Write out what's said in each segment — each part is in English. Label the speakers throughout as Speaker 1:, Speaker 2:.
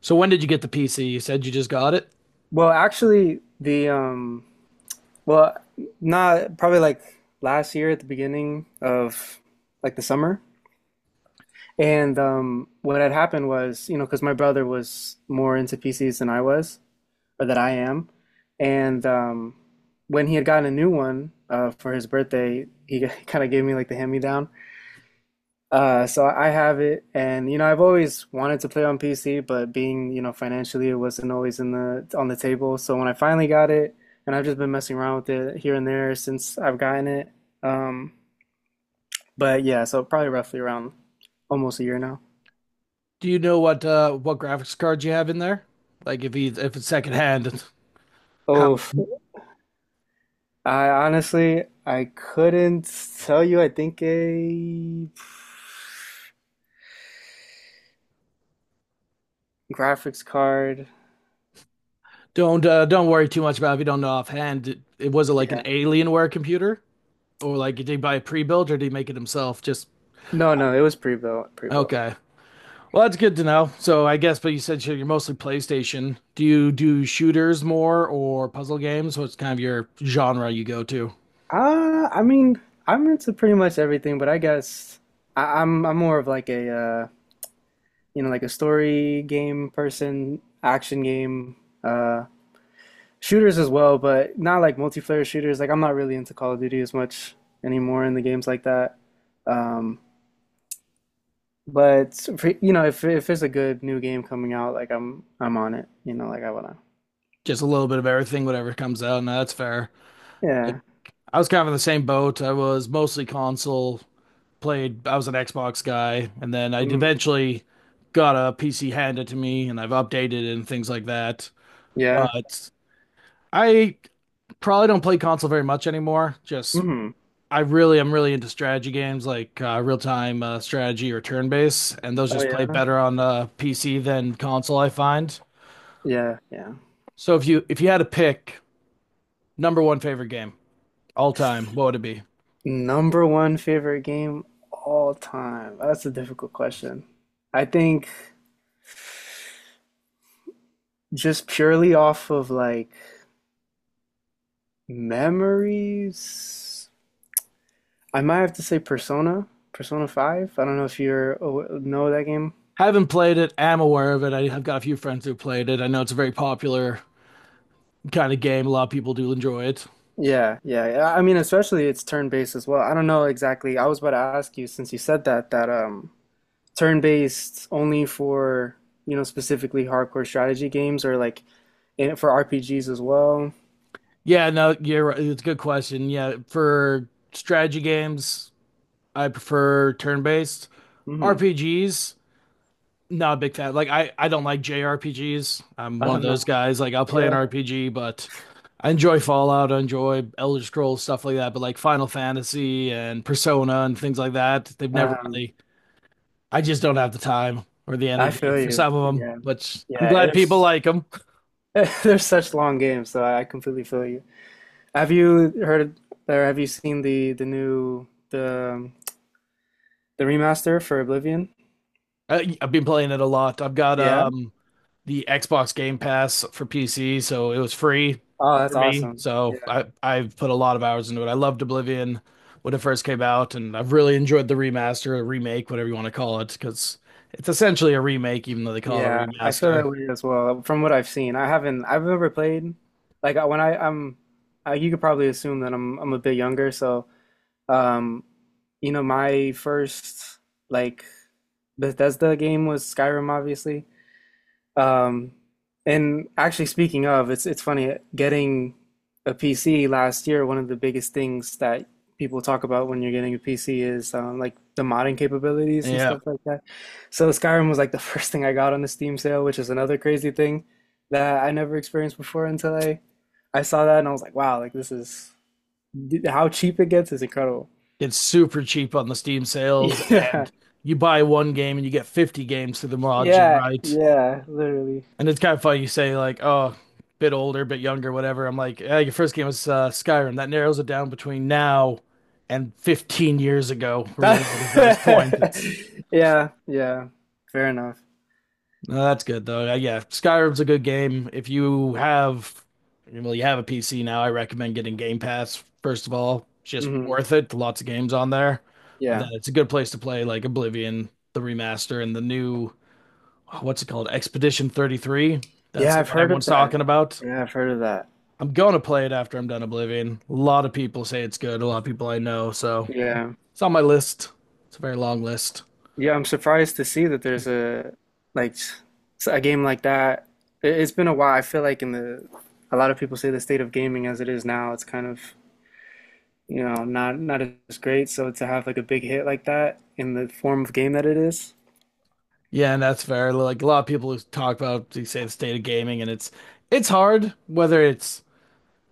Speaker 1: So when did you get the PC? You said you just got it.
Speaker 2: Well, actually, the well, not probably like last year at the beginning of like the summer. And what had happened was, you know, because my brother was more into PCs than I was, or that I am. And when he had gotten a new one for his birthday, he kind of gave me like the hand-me-down. So I have it, and you know, I've always wanted to play on PC, but being, you know, financially, it wasn't always in the on the table. So when I finally got it, and I've just been messing around with it here and there since I've gotten it. Um, but yeah, so probably roughly around almost a year now.
Speaker 1: Do you know what what graphics cards you have in there? Like if it's secondhand, how
Speaker 2: Oh, I couldn't tell you. I think a graphics card.
Speaker 1: don't worry too much about it if you don't know offhand. It was it like an
Speaker 2: Yeah.
Speaker 1: Alienware computer, or like did he buy a pre-built or did he make it himself? Just
Speaker 2: No, no, it was pre-built, pre-built.
Speaker 1: Okay. Well, that's good to know. So I guess, but you said you're mostly PlayStation. Do you do shooters more or puzzle games? What's kind of your genre you go to?
Speaker 2: I mean, I'm into pretty much everything, but I guess I'm more of like a you know, like a story game person, action game, uh, shooters as well, but not like multiplayer shooters. Like I'm not really into Call of Duty as much anymore in the games like that. Um, but for, you know, if there's a good new game coming out, like I'm on it. You know, like I wanna.
Speaker 1: Just a little bit of everything, whatever comes out. No, that's fair. Like
Speaker 2: Yeah.
Speaker 1: I was kind of in the same boat. I was mostly console, played, I was an Xbox guy, and then I
Speaker 2: Hmm.
Speaker 1: eventually got a PC handed to me and I've updated it and things like that.
Speaker 2: Yeah.
Speaker 1: But I probably don't play console very much anymore. Just
Speaker 2: Hmm.
Speaker 1: I really I am really into strategy games like real-time strategy or turn-based, and those
Speaker 2: Oh
Speaker 1: just play
Speaker 2: yeah.
Speaker 1: better on PC than console, I find.
Speaker 2: Yeah. Yeah.
Speaker 1: So if you had to pick number one favorite game all time, what would it be?
Speaker 2: Number one favorite game all time. That's a difficult question. I think just purely off of like memories, I might have to say Persona, Persona 5. I don't know if you're know that game.
Speaker 1: Haven't played it. Am aware of it. I have got a few friends who played it. I know it's a very popular kind of game. A lot of people do enjoy it.
Speaker 2: Yeah, yeah, yeah. I mean, especially it's turn-based as well. I don't know exactly. I was about to ask you since you said that turn-based only for, you know, specifically hardcore strategy games or like in for RPGs as well.
Speaker 1: Yeah, no, you're right. It's a good question. Yeah, for strategy games, I prefer turn-based.
Speaker 2: Hmm.
Speaker 1: RPGs, not a big fan. Like I don't like JRPGs. I'm
Speaker 2: I
Speaker 1: one of
Speaker 2: don't know.
Speaker 1: those guys. Like I'll play an
Speaker 2: Yeah.
Speaker 1: RPG, but I enjoy Fallout, I enjoy Elder Scrolls, stuff like that. But like Final Fantasy and Persona and things like that, they've never
Speaker 2: Um,
Speaker 1: really— I just don't have the time or the
Speaker 2: I
Speaker 1: energy
Speaker 2: feel
Speaker 1: for
Speaker 2: you.
Speaker 1: some of them,
Speaker 2: Yeah.
Speaker 1: but I'm
Speaker 2: Yeah,
Speaker 1: glad people
Speaker 2: it's
Speaker 1: like them.
Speaker 2: there's such long games, so I completely feel you. Have you heard or have you seen the new the the remaster for Oblivion?
Speaker 1: I've been playing it a lot. I've got
Speaker 2: Yeah.
Speaker 1: the Xbox Game Pass for PC, so it was free
Speaker 2: Oh, that's
Speaker 1: for me.
Speaker 2: awesome.
Speaker 1: So
Speaker 2: Yeah.
Speaker 1: I've put a lot of hours into it. I loved Oblivion when it first came out, and I've really enjoyed the remaster, or remake, whatever you want to call it, because it's essentially a remake, even though they call it a
Speaker 2: Yeah, I feel
Speaker 1: remaster.
Speaker 2: that way as well. From what I've seen, I've never played like I- when I I'm I, you could probably assume that I'm a bit younger, so um you know my first like Bethesda game was Skyrim obviously. Um, and actually, speaking of, it's funny getting a PC last year. One of the biggest things that people talk about when you're getting a PC is like the modding capabilities and
Speaker 1: Yeah,
Speaker 2: stuff like that. So Skyrim was like the first thing I got on the Steam sale, which is another crazy thing that I never experienced before until I saw that and I was like, wow, like this is how cheap it gets is incredible.
Speaker 1: it's super cheap on the Steam sales,
Speaker 2: Yeah,
Speaker 1: and you buy one game and you get 50 games through the mod, you're
Speaker 2: yeah,
Speaker 1: right.
Speaker 2: yeah, literally.
Speaker 1: And it's kind of funny you say like, oh, bit older, bit younger, whatever. I'm like, yeah, your first game was Skyrim. That narrows it down between now and 15 years ago or whatever it is at this point. It's—
Speaker 2: Yeah, yeah, fair enough.
Speaker 1: no, that's good though. Yeah, Skyrim's a good game. If you have, well, you have a PC now, I recommend getting Game Pass first of all. Just
Speaker 2: Hmm.
Speaker 1: worth it. Lots of games on there. But then
Speaker 2: Yeah.
Speaker 1: it's a good place to play like Oblivion, the remaster, and the new, what's it called? Expedition 33. That's
Speaker 2: Yeah,
Speaker 1: the
Speaker 2: I've
Speaker 1: one
Speaker 2: heard of
Speaker 1: everyone's
Speaker 2: that.
Speaker 1: talking about.
Speaker 2: Yeah, I've heard of that.
Speaker 1: I'm gonna play it after I'm done Oblivion. A lot of people say it's good. A lot of people I know, so
Speaker 2: Yeah.
Speaker 1: it's on my list. It's a very long list.
Speaker 2: Yeah, I'm surprised to see that there's like s- a game like that. It's been a while. I feel like in the a lot of people say the state of gaming as it is now, it's kind of, you know, not as great. So to have like a big hit like that in the form of game that it is.
Speaker 1: Yeah, and that's fair. Like a lot of people who talk about they say the state of gaming, and it's hard whether it's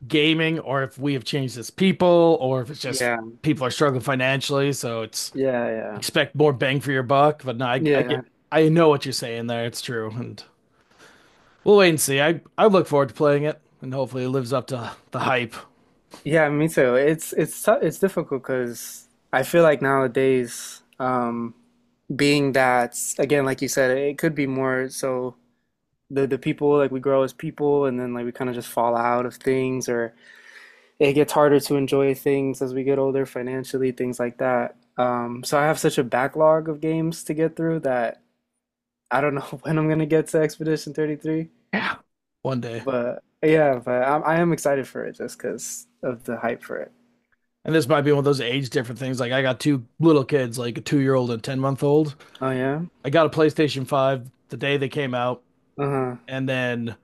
Speaker 1: gaming or if we have changed as people or if it's just
Speaker 2: Yeah.
Speaker 1: people are struggling financially. So it's
Speaker 2: Yeah, yeah.
Speaker 1: expect more bang for your buck. But no, I get—
Speaker 2: Yeah,
Speaker 1: I know what you're saying there. It's true, and we'll wait and see. I look forward to playing it, and hopefully it lives up to the hype.
Speaker 2: yeah, me too. It's it's difficult because I feel like nowadays, being that again, like you said, it could be more so the people like we grow as people, and then like we kind of just fall out of things, or it gets harder to enjoy things as we get older financially, things like that. So I have such a backlog of games to get through that I don't know when I'm gonna get to Expedition 33,
Speaker 1: Yeah. One day.
Speaker 2: but yeah, I am excited for it just because of the hype for it.
Speaker 1: And this might be one of those age different things. Like I got two little kids, like a 2 year old and a 10 month old.
Speaker 2: Oh yeah?
Speaker 1: I got a PlayStation Five the day they came out,
Speaker 2: Uh-huh.
Speaker 1: and then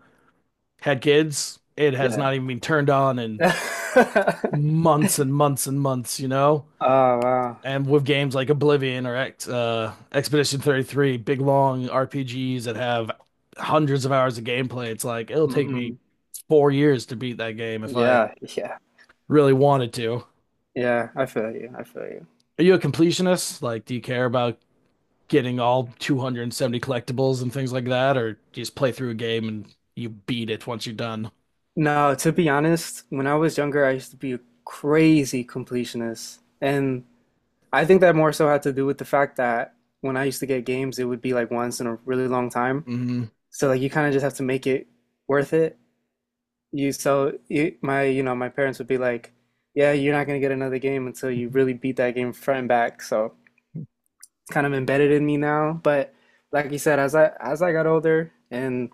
Speaker 1: had kids. It has
Speaker 2: Yeah.
Speaker 1: not even been turned on in months and months and months, you know.
Speaker 2: Oh wow.
Speaker 1: And with games like Oblivion or Expedition 33, big long RPGs that have hundreds of hours of gameplay, it's like it'll take
Speaker 2: Hmm.
Speaker 1: me 4 years to beat that game if I
Speaker 2: Yeah, yeah.
Speaker 1: really wanted to.
Speaker 2: Yeah, I feel you. I feel you.
Speaker 1: Are you a completionist? Like, do you care about getting all 270 collectibles and things like that, or you just play through a game and you beat it once you're done.
Speaker 2: No, to be honest, when I was younger, I used to be a crazy completionist. And I think that more so had to do with the fact that when I used to get games, it would be like once in a really long time.
Speaker 1: Mm-hmm.
Speaker 2: So like you kind of just have to make it worth it. You so it, my you know my parents would be like, "Yeah, you're not gonna get another game until you really beat that game front and back." So it's kind of embedded in me now. But like you said, as I got older and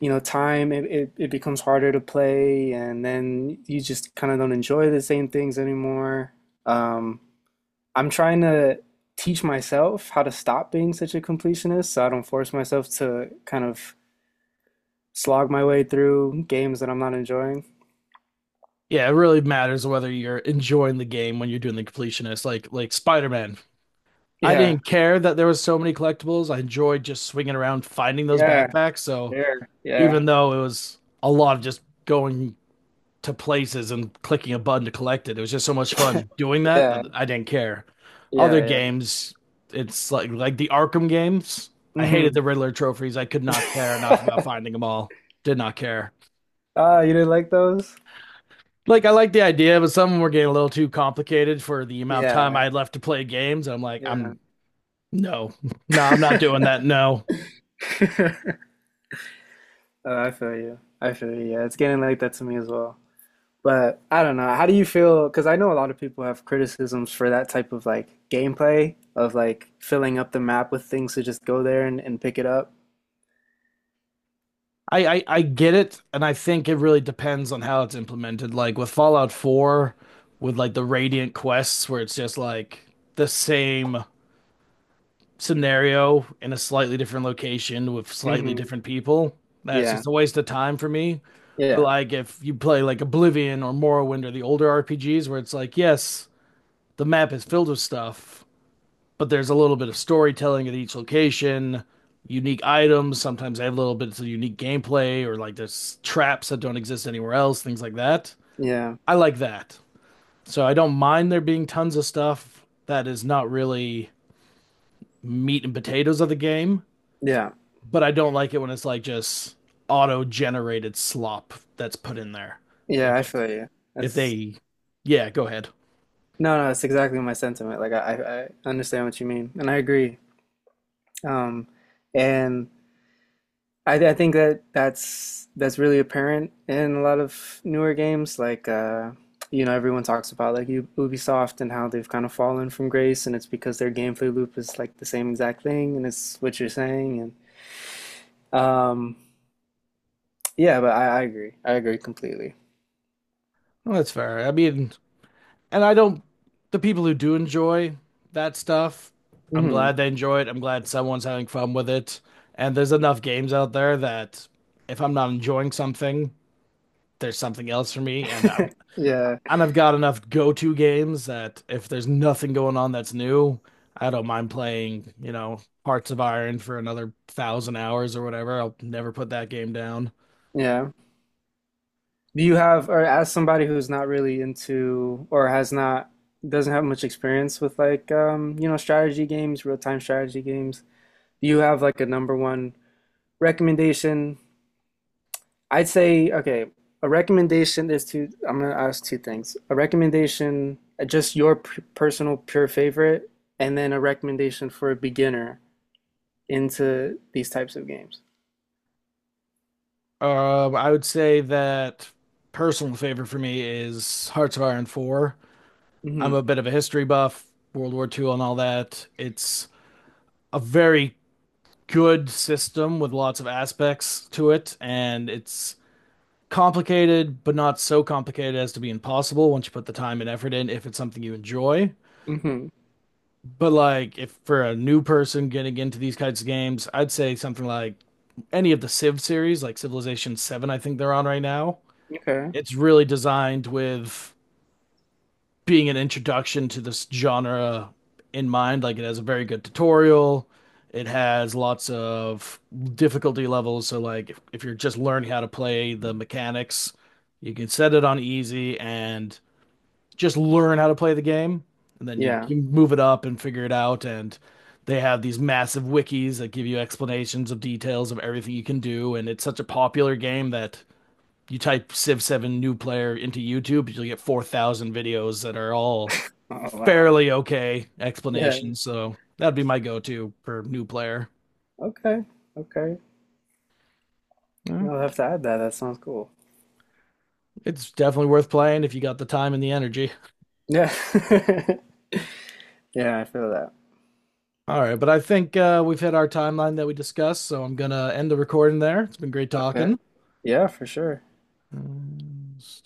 Speaker 2: you know, time, it becomes harder to play, and then you just kind of don't enjoy the same things anymore. Um, I'm trying to teach myself how to stop being such a completionist so I don't force myself to kind of slog my way through games that I'm not enjoying.
Speaker 1: Yeah, it really matters whether you're enjoying the game when you're doing the completionist. Like Spider-Man, I
Speaker 2: Yeah,
Speaker 1: didn't care that there was so many collectibles. I enjoyed just swinging around finding those
Speaker 2: yeah,
Speaker 1: backpacks. So
Speaker 2: there, yeah,
Speaker 1: even though it was a lot of just going to places and clicking a button to collect it. It was just so much fun doing that
Speaker 2: yeah,
Speaker 1: that I didn't care. Other
Speaker 2: yeah, yeah.
Speaker 1: games, it's like the Arkham games. I hated the
Speaker 2: Hmm.
Speaker 1: Riddler trophies. I could not care enough about finding them all. Did not care.
Speaker 2: Ah, you didn't like those?
Speaker 1: Like I like the idea, but some of them were getting a little too complicated for the amount of time I
Speaker 2: Yeah,
Speaker 1: had left to play games. I'm like,
Speaker 2: yeah.
Speaker 1: I'm no, no, I'm not doing that. No.
Speaker 2: I feel you. I feel you. Yeah, it's getting like that to me as well. But I don't know. How do you feel? Because I know a lot of people have criticisms for that type of like gameplay of like filling up the map with things to just go there and pick it up.
Speaker 1: I get it, and I think it really depends on how it's implemented. Like with Fallout 4, with like the Radiant quests, where it's just like the same scenario in a slightly different location with slightly
Speaker 2: Hmm.
Speaker 1: different people. That's
Speaker 2: Yeah.
Speaker 1: just a waste of time for me. But
Speaker 2: Yeah.
Speaker 1: like if you play like Oblivion or Morrowind or the older RPGs, where it's like, yes, the map is filled with stuff, but there's a little bit of storytelling at each location, unique items. Sometimes they have little bits of unique gameplay or like there's traps that don't exist anywhere else, things like that.
Speaker 2: Yeah.
Speaker 1: I like that. So I don't mind there being tons of stuff that is not really meat and potatoes of the game,
Speaker 2: Yeah.
Speaker 1: but I don't like it when it's like just auto generated slop that's put in there. If
Speaker 2: Yeah. I
Speaker 1: it's
Speaker 2: feel you.
Speaker 1: if
Speaker 2: That's
Speaker 1: they yeah, go ahead.
Speaker 2: no, no. It's exactly my sentiment. Like I understand what you mean, and I agree. Um, and I think that that's really apparent in a lot of newer games. Like you know, everyone talks about like Ubisoft and how they've kind of fallen from grace, and it's because their gameplay loop is like the same exact thing, and it's what you're saying. And yeah, but I agree. I agree completely.
Speaker 1: Well, that's fair. I mean, and I don't the people who do enjoy that stuff, I'm
Speaker 2: Hmm.
Speaker 1: glad they enjoy it. I'm glad someone's having fun with it. And there's enough games out there that if I'm not enjoying something, there's something else for me.
Speaker 2: Yeah,
Speaker 1: And I've got enough go-to games that if there's nothing going on that's new, I don't mind playing, you know, Hearts of Iron for another thousand hours or whatever. I'll never put that game down.
Speaker 2: yeah. Do you have, or as somebody who's not really into, or has not, doesn't have much experience with like, you know, strategy games, real-time strategy games, do you have like a number one recommendation, I'd say okay. A recommendation is to I'm gonna ask two things. A recommendation, just your p personal pure favorite, and then a recommendation for a beginner into these types of games.
Speaker 1: I would say that personal favorite for me is Hearts of Iron 4. I'm
Speaker 2: Hmm.
Speaker 1: a bit of a history buff, World War Two and all that. It's a very good system with lots of aspects to it, and it's complicated, but not so complicated as to be impossible once you put the time and effort in if it's something you enjoy.
Speaker 2: Hmm.
Speaker 1: But like if for a new person getting into these kinds of games, I'd say something like any of the Civ series, like Civilization 7, I think they're on right now.
Speaker 2: Okay.
Speaker 1: It's really designed with being an introduction to this genre in mind. Like it has a very good tutorial. It has lots of difficulty levels. So like if you're just learning how to play the mechanics, you can set it on easy and just learn how to play the game. And then you
Speaker 2: Yeah.
Speaker 1: can move it up and figure it out. And they have these massive wikis that give you explanations of details of everything you can do. And it's such a popular game that you type Civ 7 new player into YouTube, you'll get 4,000 videos that are all
Speaker 2: Oh wow.
Speaker 1: fairly okay
Speaker 2: Yeah.
Speaker 1: explanations. So that'd be my go to for new player.
Speaker 2: Okay. Okay.
Speaker 1: Well,
Speaker 2: You'll have to add that. That sounds cool.
Speaker 1: it's definitely worth playing if you got the time and the energy.
Speaker 2: Yeah. Yeah, I feel that.
Speaker 1: All right, but I think we've hit our timeline that we discussed, so I'm gonna end the recording there. It's been great
Speaker 2: Okay.
Speaker 1: talking.
Speaker 2: Yeah, for sure.
Speaker 1: Um,